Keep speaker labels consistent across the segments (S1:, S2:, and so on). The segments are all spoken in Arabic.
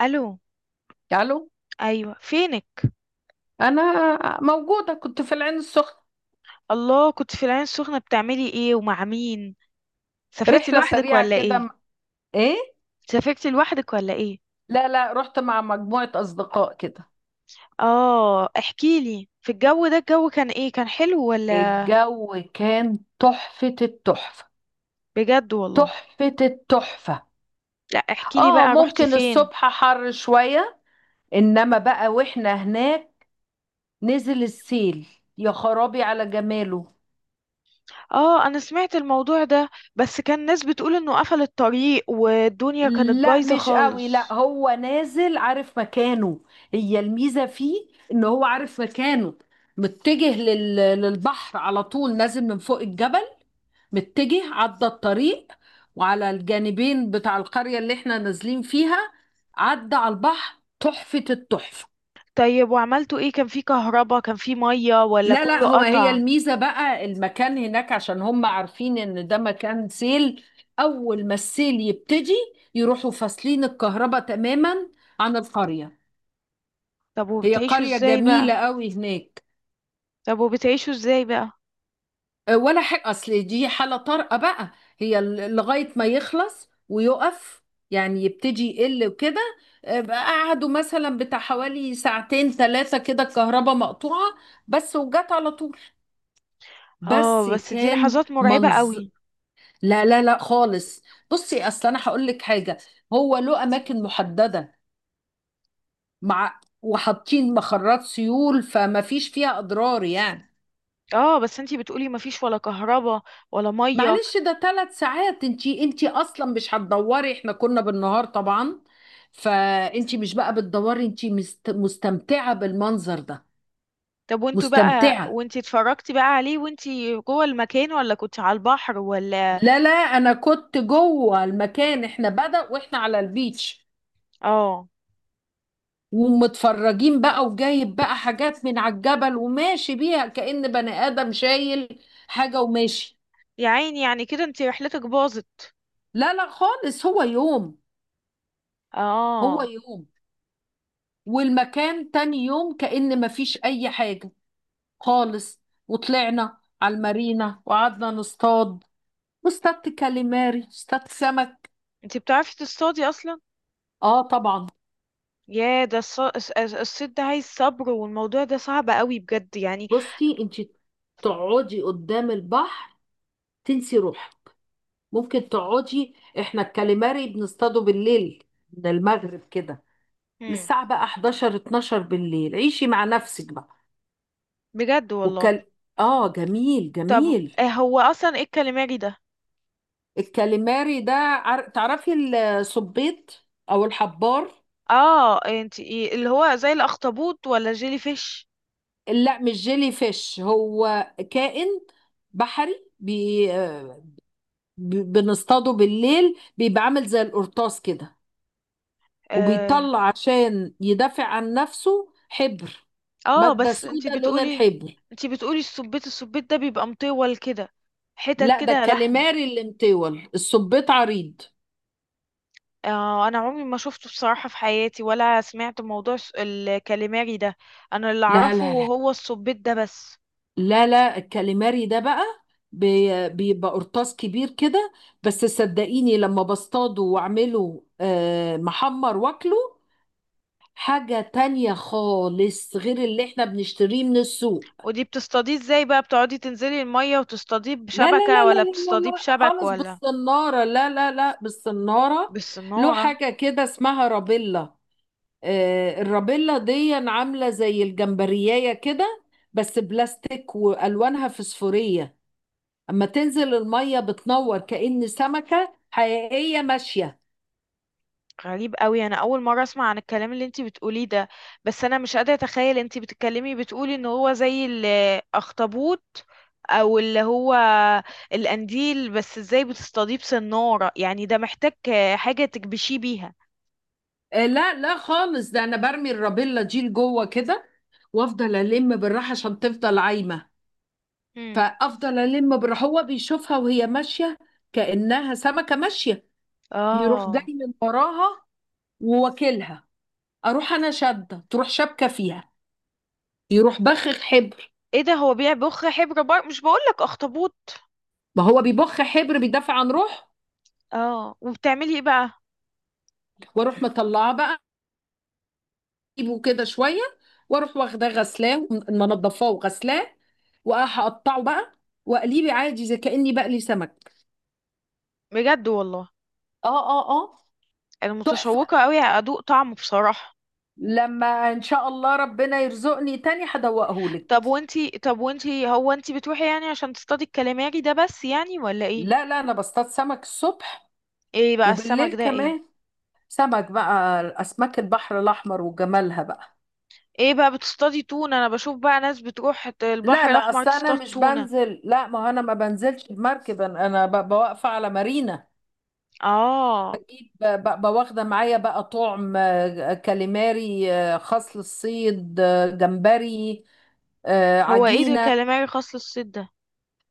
S1: الو.
S2: الو.
S1: ايوه، فينك؟
S2: انا موجوده، كنت في العين السخنه.
S1: الله، كنت في العين السخنه، بتعملي ايه ومع مين؟ سافرتي
S2: رحله
S1: لوحدك
S2: سريعه
S1: ولا
S2: كده.
S1: ايه؟
S2: ايه؟
S1: سافرتي لوحدك ولا ايه؟
S2: لا لا، رحت مع مجموعه اصدقاء كده.
S1: اه احكي لي، في الجو ده الجو كان ايه، كان حلو ولا؟
S2: الجو كان تحفه التحفه.
S1: بجد والله.
S2: تحفه التحفه.
S1: لا احكي لي
S2: اه،
S1: بقى، رحتي
S2: ممكن
S1: فين؟
S2: الصبح حر شويه، انما بقى واحنا هناك نزل السيل يا خرابي على جماله.
S1: اه انا سمعت الموضوع ده، بس كان ناس بتقول انه قفل الطريق والدنيا كانت
S2: لا
S1: بايظه
S2: مش قوي، لا
S1: خالص.
S2: هو نازل عارف مكانه. هي الميزة فيه ان هو عارف مكانه. متجه للبحر على طول، نازل من فوق الجبل، متجه عدى الطريق، وعلى الجانبين بتاع القرية اللي احنا نازلين فيها، عدى على البحر تحفة التحفة.
S1: طيب وعملتوا ايه، كان في كهرباء كان في ميه ولا
S2: لا لا،
S1: كله
S2: هي
S1: قطع؟
S2: الميزة بقى المكان هناك، عشان هم عارفين ان ده مكان سيل. اول ما السيل يبتدي يروحوا فاصلين الكهرباء تماما عن القرية.
S1: طب
S2: هي
S1: وبتعيشوا
S2: قرية
S1: ازاي بقى؟
S2: جميلة قوي هناك.
S1: طب وبتعيشوا ازاي بقى؟
S2: ولا حاجة، أصل دي حالة طارئة بقى. هي لغاية ما يخلص ويقف، يعني يبتدي يقل وكده. بقى قعدوا مثلا بتاع حوالي ساعتين 3 كده الكهرباء مقطوعة، بس وجت على طول.
S1: اه
S2: بس
S1: بس دي
S2: كان
S1: لحظات مرعبة
S2: منظر.
S1: قوي.
S2: لا لا لا خالص. بصي، أصل أنا هقول لك حاجة: هو له أماكن محددة، مع وحاطين مخرات سيول فما فيش فيها أضرار يعني.
S1: اه بس انتي بتقولي مفيش ولا كهرباء ولا مية.
S2: معلش، ده 3 ساعات، انتي اصلا مش هتدوري، احنا كنا بالنهار طبعا، فانتي مش بقى بتدوري، انتي مستمتعة بالمنظر ده.
S1: طب وانتوا بقى
S2: مستمتعة.
S1: وانتي اتفرجتي بقى عليه وانتي جوه المكان ولا كنت على البحر ولا؟
S2: لا لا، انا كنت جوه المكان، احنا بدأ واحنا على البيتش
S1: اه.
S2: ومتفرجين بقى، وجايب بقى حاجات من على الجبل وماشي بيها كأن بني آدم شايل حاجة وماشي.
S1: يا عيني، يعني كده انتي رحلتك باظت.
S2: لا لا خالص، هو يوم. هو
S1: اه.
S2: يوم. والمكان تاني يوم كأن مفيش أي حاجة خالص. وطلعنا على المارينا وقعدنا نصطاد، واصطادت كاليماري، اصطادت سمك.
S1: انتي بتعرفي تصطادي اصلا؟
S2: اه طبعا.
S1: يا ده الصيد ده عايز صبر، والموضوع ده صعب قوي بجد يعني.
S2: بصي انت، تقعدي قدام البحر، تنسي روحك، ممكن تقعدي. احنا الكاليماري بنصطاده بالليل، من المغرب كده
S1: مم.
S2: للساعة بقى 11 12 بالليل، عيشي مع نفسك بقى.
S1: بجد والله.
S2: وكال... اه، جميل
S1: طب
S2: جميل.
S1: هو اصلا ايه الكاليماري ده؟
S2: الكاليماري ده تعرفي، الصبيط او الحبار.
S1: اه انتي اللي هو زي الاخطبوط ولا جيلي فيش؟
S2: لا مش جيلي فيش، هو كائن بحري بنصطاده بالليل، بيبقى عامل زي القرطاس كده،
S1: آه.
S2: وبيطلع عشان يدافع عن نفسه حبر.
S1: اه
S2: مادة
S1: بس انتي
S2: سودة لون
S1: بتقولي
S2: الحبر.
S1: انتي بتقولي السبيت، السبيت ده بيبقى مطول كده، حتت
S2: لا ده
S1: كده لحم؟
S2: الكاليماري اللي مطول، السبيط عريض.
S1: آه انا عمري ما شفته بصراحة في حياتي، ولا سمعت موضوع الكاليماري ده. انا اللي
S2: لا
S1: اعرفه
S2: لا لا
S1: هو السبيت ده بس.
S2: لا لا، الكاليماري ده بقى بيبقى قرطاس كبير كده. بس صدقيني، لما بصطاده واعمله محمر واكله، حاجة تانية خالص غير اللي احنا بنشتريه من السوق.
S1: ودي بتصطاديه ازاي بقى، بتقعدي تنزلي المية وتصطاديه
S2: لا لا
S1: بشبكة
S2: لا لا لا
S1: ولا
S2: لا
S1: بتصطاديه
S2: لا
S1: بشبك
S2: خالص،
S1: ولا؟
S2: بالصنارة، لا لا لا، بالصنارة. له
S1: بالصنارة.
S2: حاجة كده اسمها رابيلا. الرابيلا دي عاملة زي الجمبرياية كده، بس بلاستيك وألوانها فسفورية، أما تنزل المية بتنور كأن سمكة حقيقية ماشية.
S1: غريب قوي، انا اول مره اسمع عن الكلام اللي انتي بتقوليه ده. بس انا مش قادره اتخيل، انتي بتتكلمي بتقولي ان هو زي الاخطبوط او اللي هو القنديل، بس ازاي بتصطاديه بسناره؟ يعني ده محتاج حاجه تكبشيه بيها.
S2: لا لا خالص، ده أنا برمي الرابيلا دي لجوه كده وأفضل ألم بالراحة عشان تفضل عايمة.
S1: مم.
S2: فافضل الم بر، هو بيشوفها وهي ماشيه كانها سمكه ماشيه، يروح جاي
S1: اه.
S2: من وراها وواكلها، اروح انا شاده، تروح شابكه فيها، يروح بخخ حبر.
S1: ايه ده، هو بيبخ حبر؟ بر مش بقولك اخطبوط.
S2: ما هو بيبخ حبر بيدافع عن روحه.
S1: اه وبتعملي ايه بقى؟
S2: واروح مطلعه بقى، اجيبه كده شويه، واروح واخداه غسلاه منضفاه وغسلاه، وهقطعه بقى واقليه عادي زي كاني بقلي سمك.
S1: بجد والله.
S2: اه اه اه.
S1: انا
S2: تحفه،
S1: متشوقه قوي ادوق طعمه بصراحه.
S2: لما ان شاء الله ربنا يرزقني تاني هدوقهولك.
S1: طب وانتي، طب وانتي، هو انتي بتروحي يعني عشان تصطادي الكلاماري ده بس يعني ولا ايه؟
S2: لا لا، انا بصطاد سمك الصبح
S1: ايه بقى السمك
S2: وبالليل
S1: ده ايه؟
S2: كمان. سمك بقى، اسماك البحر الاحمر وجمالها بقى.
S1: ايه بقى، بتصطادي تونة؟ انا بشوف بقى ناس بتروح
S2: لا
S1: البحر
S2: لا،
S1: الاحمر
S2: اصل انا
S1: تصطاد
S2: مش
S1: تونة.
S2: بنزل، لا ما هو انا ما بنزلش بمركب، انا بوقف على مارينا،
S1: اه.
S2: بواخده معايا بقى طعم كاليماري، خاص للصيد، جمبري،
S1: هو ايه ده
S2: عجينه.
S1: كاليماري خاص للصيد ده؟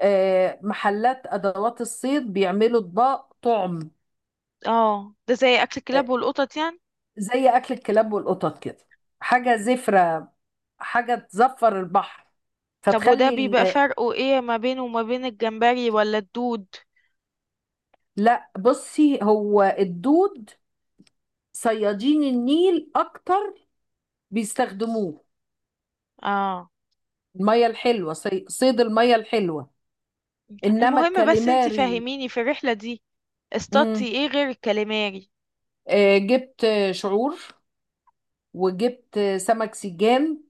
S2: محلات ادوات الصيد بيعملوا اطباق طعم.
S1: اه ده زي اكل
S2: آه،
S1: الكلاب والقطط يعني؟
S2: زي اكل الكلاب والقطط كده، حاجه زفره، حاجة تزفر البحر،
S1: طب وده
S2: فتخلي
S1: بيبقى فرقه ايه ما بينه وما بين الجمبري ولا الدود؟
S2: لا بصي، هو الدود صيادين النيل أكتر بيستخدموه،
S1: اه.
S2: المية الحلوة، صيد المية الحلوة، إنما
S1: المهم بس انت
S2: الكاليماري.
S1: فاهميني، في الرحلة دي اصطادتي
S2: مم.
S1: ايه غير الكاليماري؟
S2: آه، جبت شعور، وجبت سمك سجان،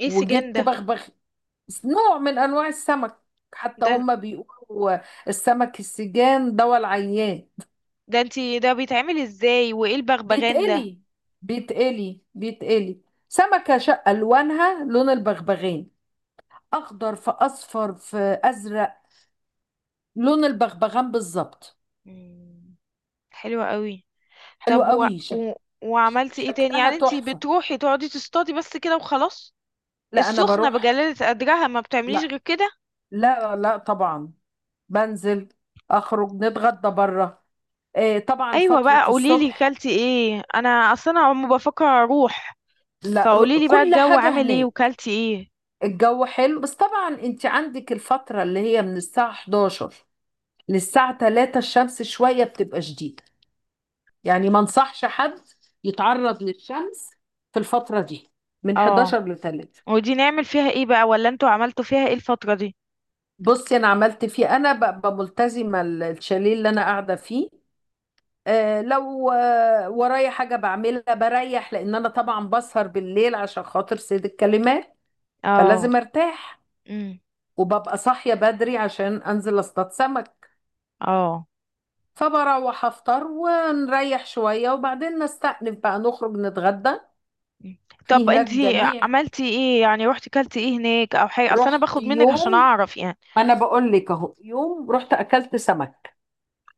S1: ايه سجان
S2: وجبت
S1: ده؟
S2: بغبغ، نوع من أنواع السمك. حتى
S1: ده
S2: هم بيقولوا السمك السجان دوا العيان.
S1: ده انت، ده بيتعمل ازاي، وايه البغبغان ده؟
S2: بيتقلي بيتقلي بيتقلي، سمكة شقة لونها لون البغبغان، أخضر في أصفر في أزرق، لون البغبغان بالظبط.
S1: مم، حلوة قوي.
S2: حلو
S1: طب
S2: قوي،
S1: وعملتي ايه تاني؟
S2: شكلها
S1: يعني انتي
S2: تحفة.
S1: بتروحي تقعدي تصطادي بس كده وخلاص؟
S2: لا أنا
S1: السخنة
S2: بروح،
S1: بجلالة قدرها ما بتعمليش
S2: لا
S1: غير كده؟
S2: لا لا طبعا، بنزل أخرج نتغدى بره، آه طبعا
S1: ايوه
S2: فترة
S1: بقى، قوليلي
S2: الصبح.
S1: كلتي ايه، انا اصلا عم بفكر اروح.
S2: لا
S1: فقوليلي بقى
S2: كل
S1: الجو
S2: حاجة
S1: عامل ايه
S2: هناك.
S1: وكلتي ايه.
S2: الجو حلو، بس طبعا انت عندك الفترة اللي هي من الساعة 11 للساعة 3 الشمس شوية بتبقى شديدة، يعني ما انصحش حد يتعرض للشمس في الفترة دي، من
S1: اه.
S2: 11 ل 3.
S1: ودي نعمل فيها ايه بقى، ولا انتوا عملتوا فيها ايه الفترة دي؟
S2: بصي انا عملت فيه، انا ببقى ملتزمة الشاليه اللي انا قاعدة فيه. لو ورايا حاجة بعملها، بريح، لان انا طبعا بسهر بالليل عشان خاطر سيد الكلمات،
S1: اه.
S2: فلازم ارتاح.
S1: امم.
S2: وببقى صاحية بدري عشان انزل اصطاد سمك،
S1: اه.
S2: فبروح افطر ونريح شوية، وبعدين نستأنف بقى نخرج نتغدى.
S1: مم.
S2: في
S1: طب
S2: هناك
S1: انتي
S2: جميع.
S1: عملتي ايه يعني، روحتي كلتي ايه هناك او حاجة؟ اصل انا
S2: رحت
S1: باخد منك عشان
S2: يوم،
S1: اعرف يعني.
S2: ما انا بقول لك اهو يوم. رحت اكلت سمك،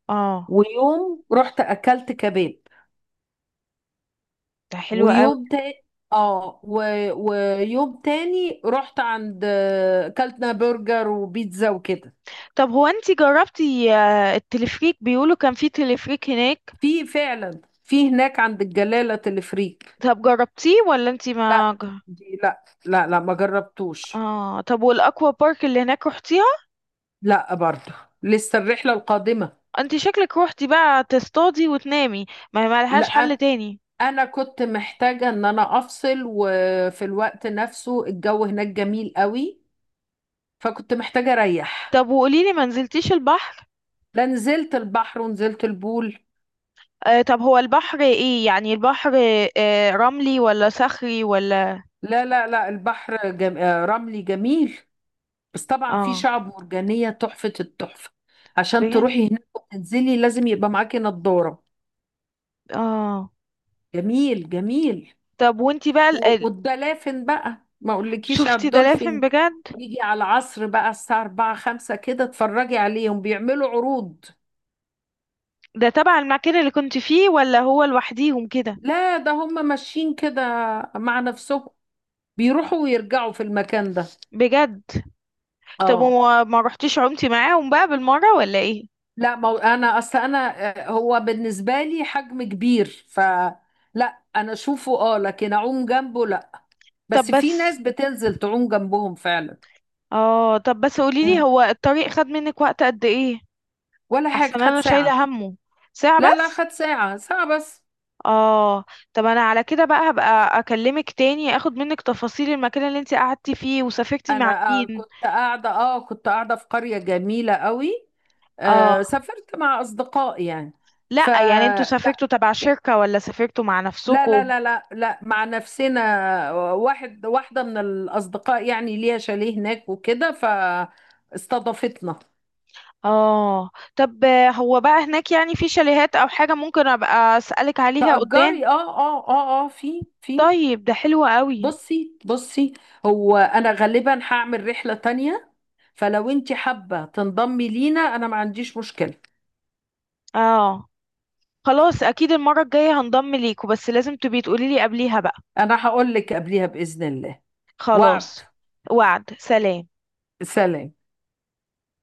S1: اه.
S2: ويوم رحت اكلت كباب،
S1: ده حلو قوي.
S2: ويوم تاني، اه و... ويوم تاني رحت عند اكلتنا برجر وبيتزا وكده.
S1: طب هو انتي جربتي التلفريك، بيقولوا كان في تلفريك هناك.
S2: في، فعلا في هناك عند الجلالة تلفريك.
S1: طب جربتيه ولا انتي
S2: لا
S1: ما ج-
S2: دي، لا لا لا، ما جربتوش.
S1: اه. طب والاكوا بارك اللي هناك روحتيها؟
S2: لا، برضه لسه الرحلة القادمة.
S1: انتي شكلك روحتي بقى تصطادي وتنامي، ما هي ملهاش حل
S2: لا
S1: تاني.
S2: انا كنت محتاجة ان انا افصل، وفي الوقت نفسه الجو هناك جميل قوي، فكنت محتاجة اريح.
S1: طب وقوليلي، ما نزلتيش البحر؟
S2: لا نزلت البحر ونزلت البول.
S1: آه. طب هو البحر ايه يعني، البحر آه رملي ولا صخري ولا؟
S2: لا لا لا، البحر جم... آه، رملي جميل، بس طبعا في
S1: اه.
S2: شعب مرجانية تحفة التحفة. عشان
S1: بجد؟
S2: تروحي هناك وتنزلي لازم يبقى معاكي نضارة.
S1: اه.
S2: جميل جميل.
S1: طب وانتي بقى
S2: والدلافين بقى، ما اقولكيش على
S1: شفتي دلافين
S2: الدولفين.
S1: بجد؟
S2: يجي على العصر بقى الساعة 4 5 كده، اتفرجي عليهم بيعملوا عروض.
S1: ده تبع المكان اللي كنت فيه ولا هو لوحديهم كده؟
S2: لا ده هم ماشيين كده مع نفسهم، بيروحوا ويرجعوا في المكان ده.
S1: بجد. طب
S2: اه.
S1: وما ما رحتيش عمتي معاهم بقى بالمرة ولا ايه؟
S2: لا ما هو انا، اصل انا، هو بالنسبه لي حجم كبير، ف لا انا اشوفه اه، لكن اعوم جنبه لا،
S1: طب
S2: بس في
S1: بس،
S2: ناس بتنزل تعوم جنبهم فعلا.
S1: اه طب بس قوليلي،
S2: مم.
S1: هو الطريق خد منك وقت قد ايه؟
S2: ولا حاجه،
S1: احسن
S2: خد
S1: انا
S2: ساعه.
S1: شايلة همه. ساعة
S2: لا لا،
S1: بس؟
S2: خد ساعه، ساعه بس.
S1: اه. طب انا على كده بقى، هبقى اكلمك تاني اخد منك تفاصيل المكان اللي انت قعدتي فيه وسافرتي مع
S2: انا
S1: مين.
S2: كنت قاعده في قريه جميله قوي.
S1: اه.
S2: سافرت مع اصدقاء يعني. ف
S1: لا يعني انتوا سافرتوا تبع شركة ولا سافرتوا مع
S2: لا لا
S1: نفسكم؟
S2: لا لا لا، مع نفسنا. واحدة من الأصدقاء يعني ليها شاليه هناك وكده فاستضافتنا.
S1: اه. طب هو بقى هناك يعني في شاليهات او حاجة ممكن ابقى اسألك عليها قدام؟
S2: تأجري اه، اه اه اه، في.
S1: طيب ده حلو قوي.
S2: بصي بصي، هو أنا غالبا هعمل رحلة تانية، فلو انت حابة تنضمي لينا أنا ما عنديش مشكلة.
S1: اه. خلاص اكيد المرة الجاية هنضم ليكوا، بس لازم تبقي تقولي لي قبليها بقى.
S2: أنا هقول لك قبليها بإذن الله. وعد.
S1: خلاص. وعد. سلام.
S2: سلام.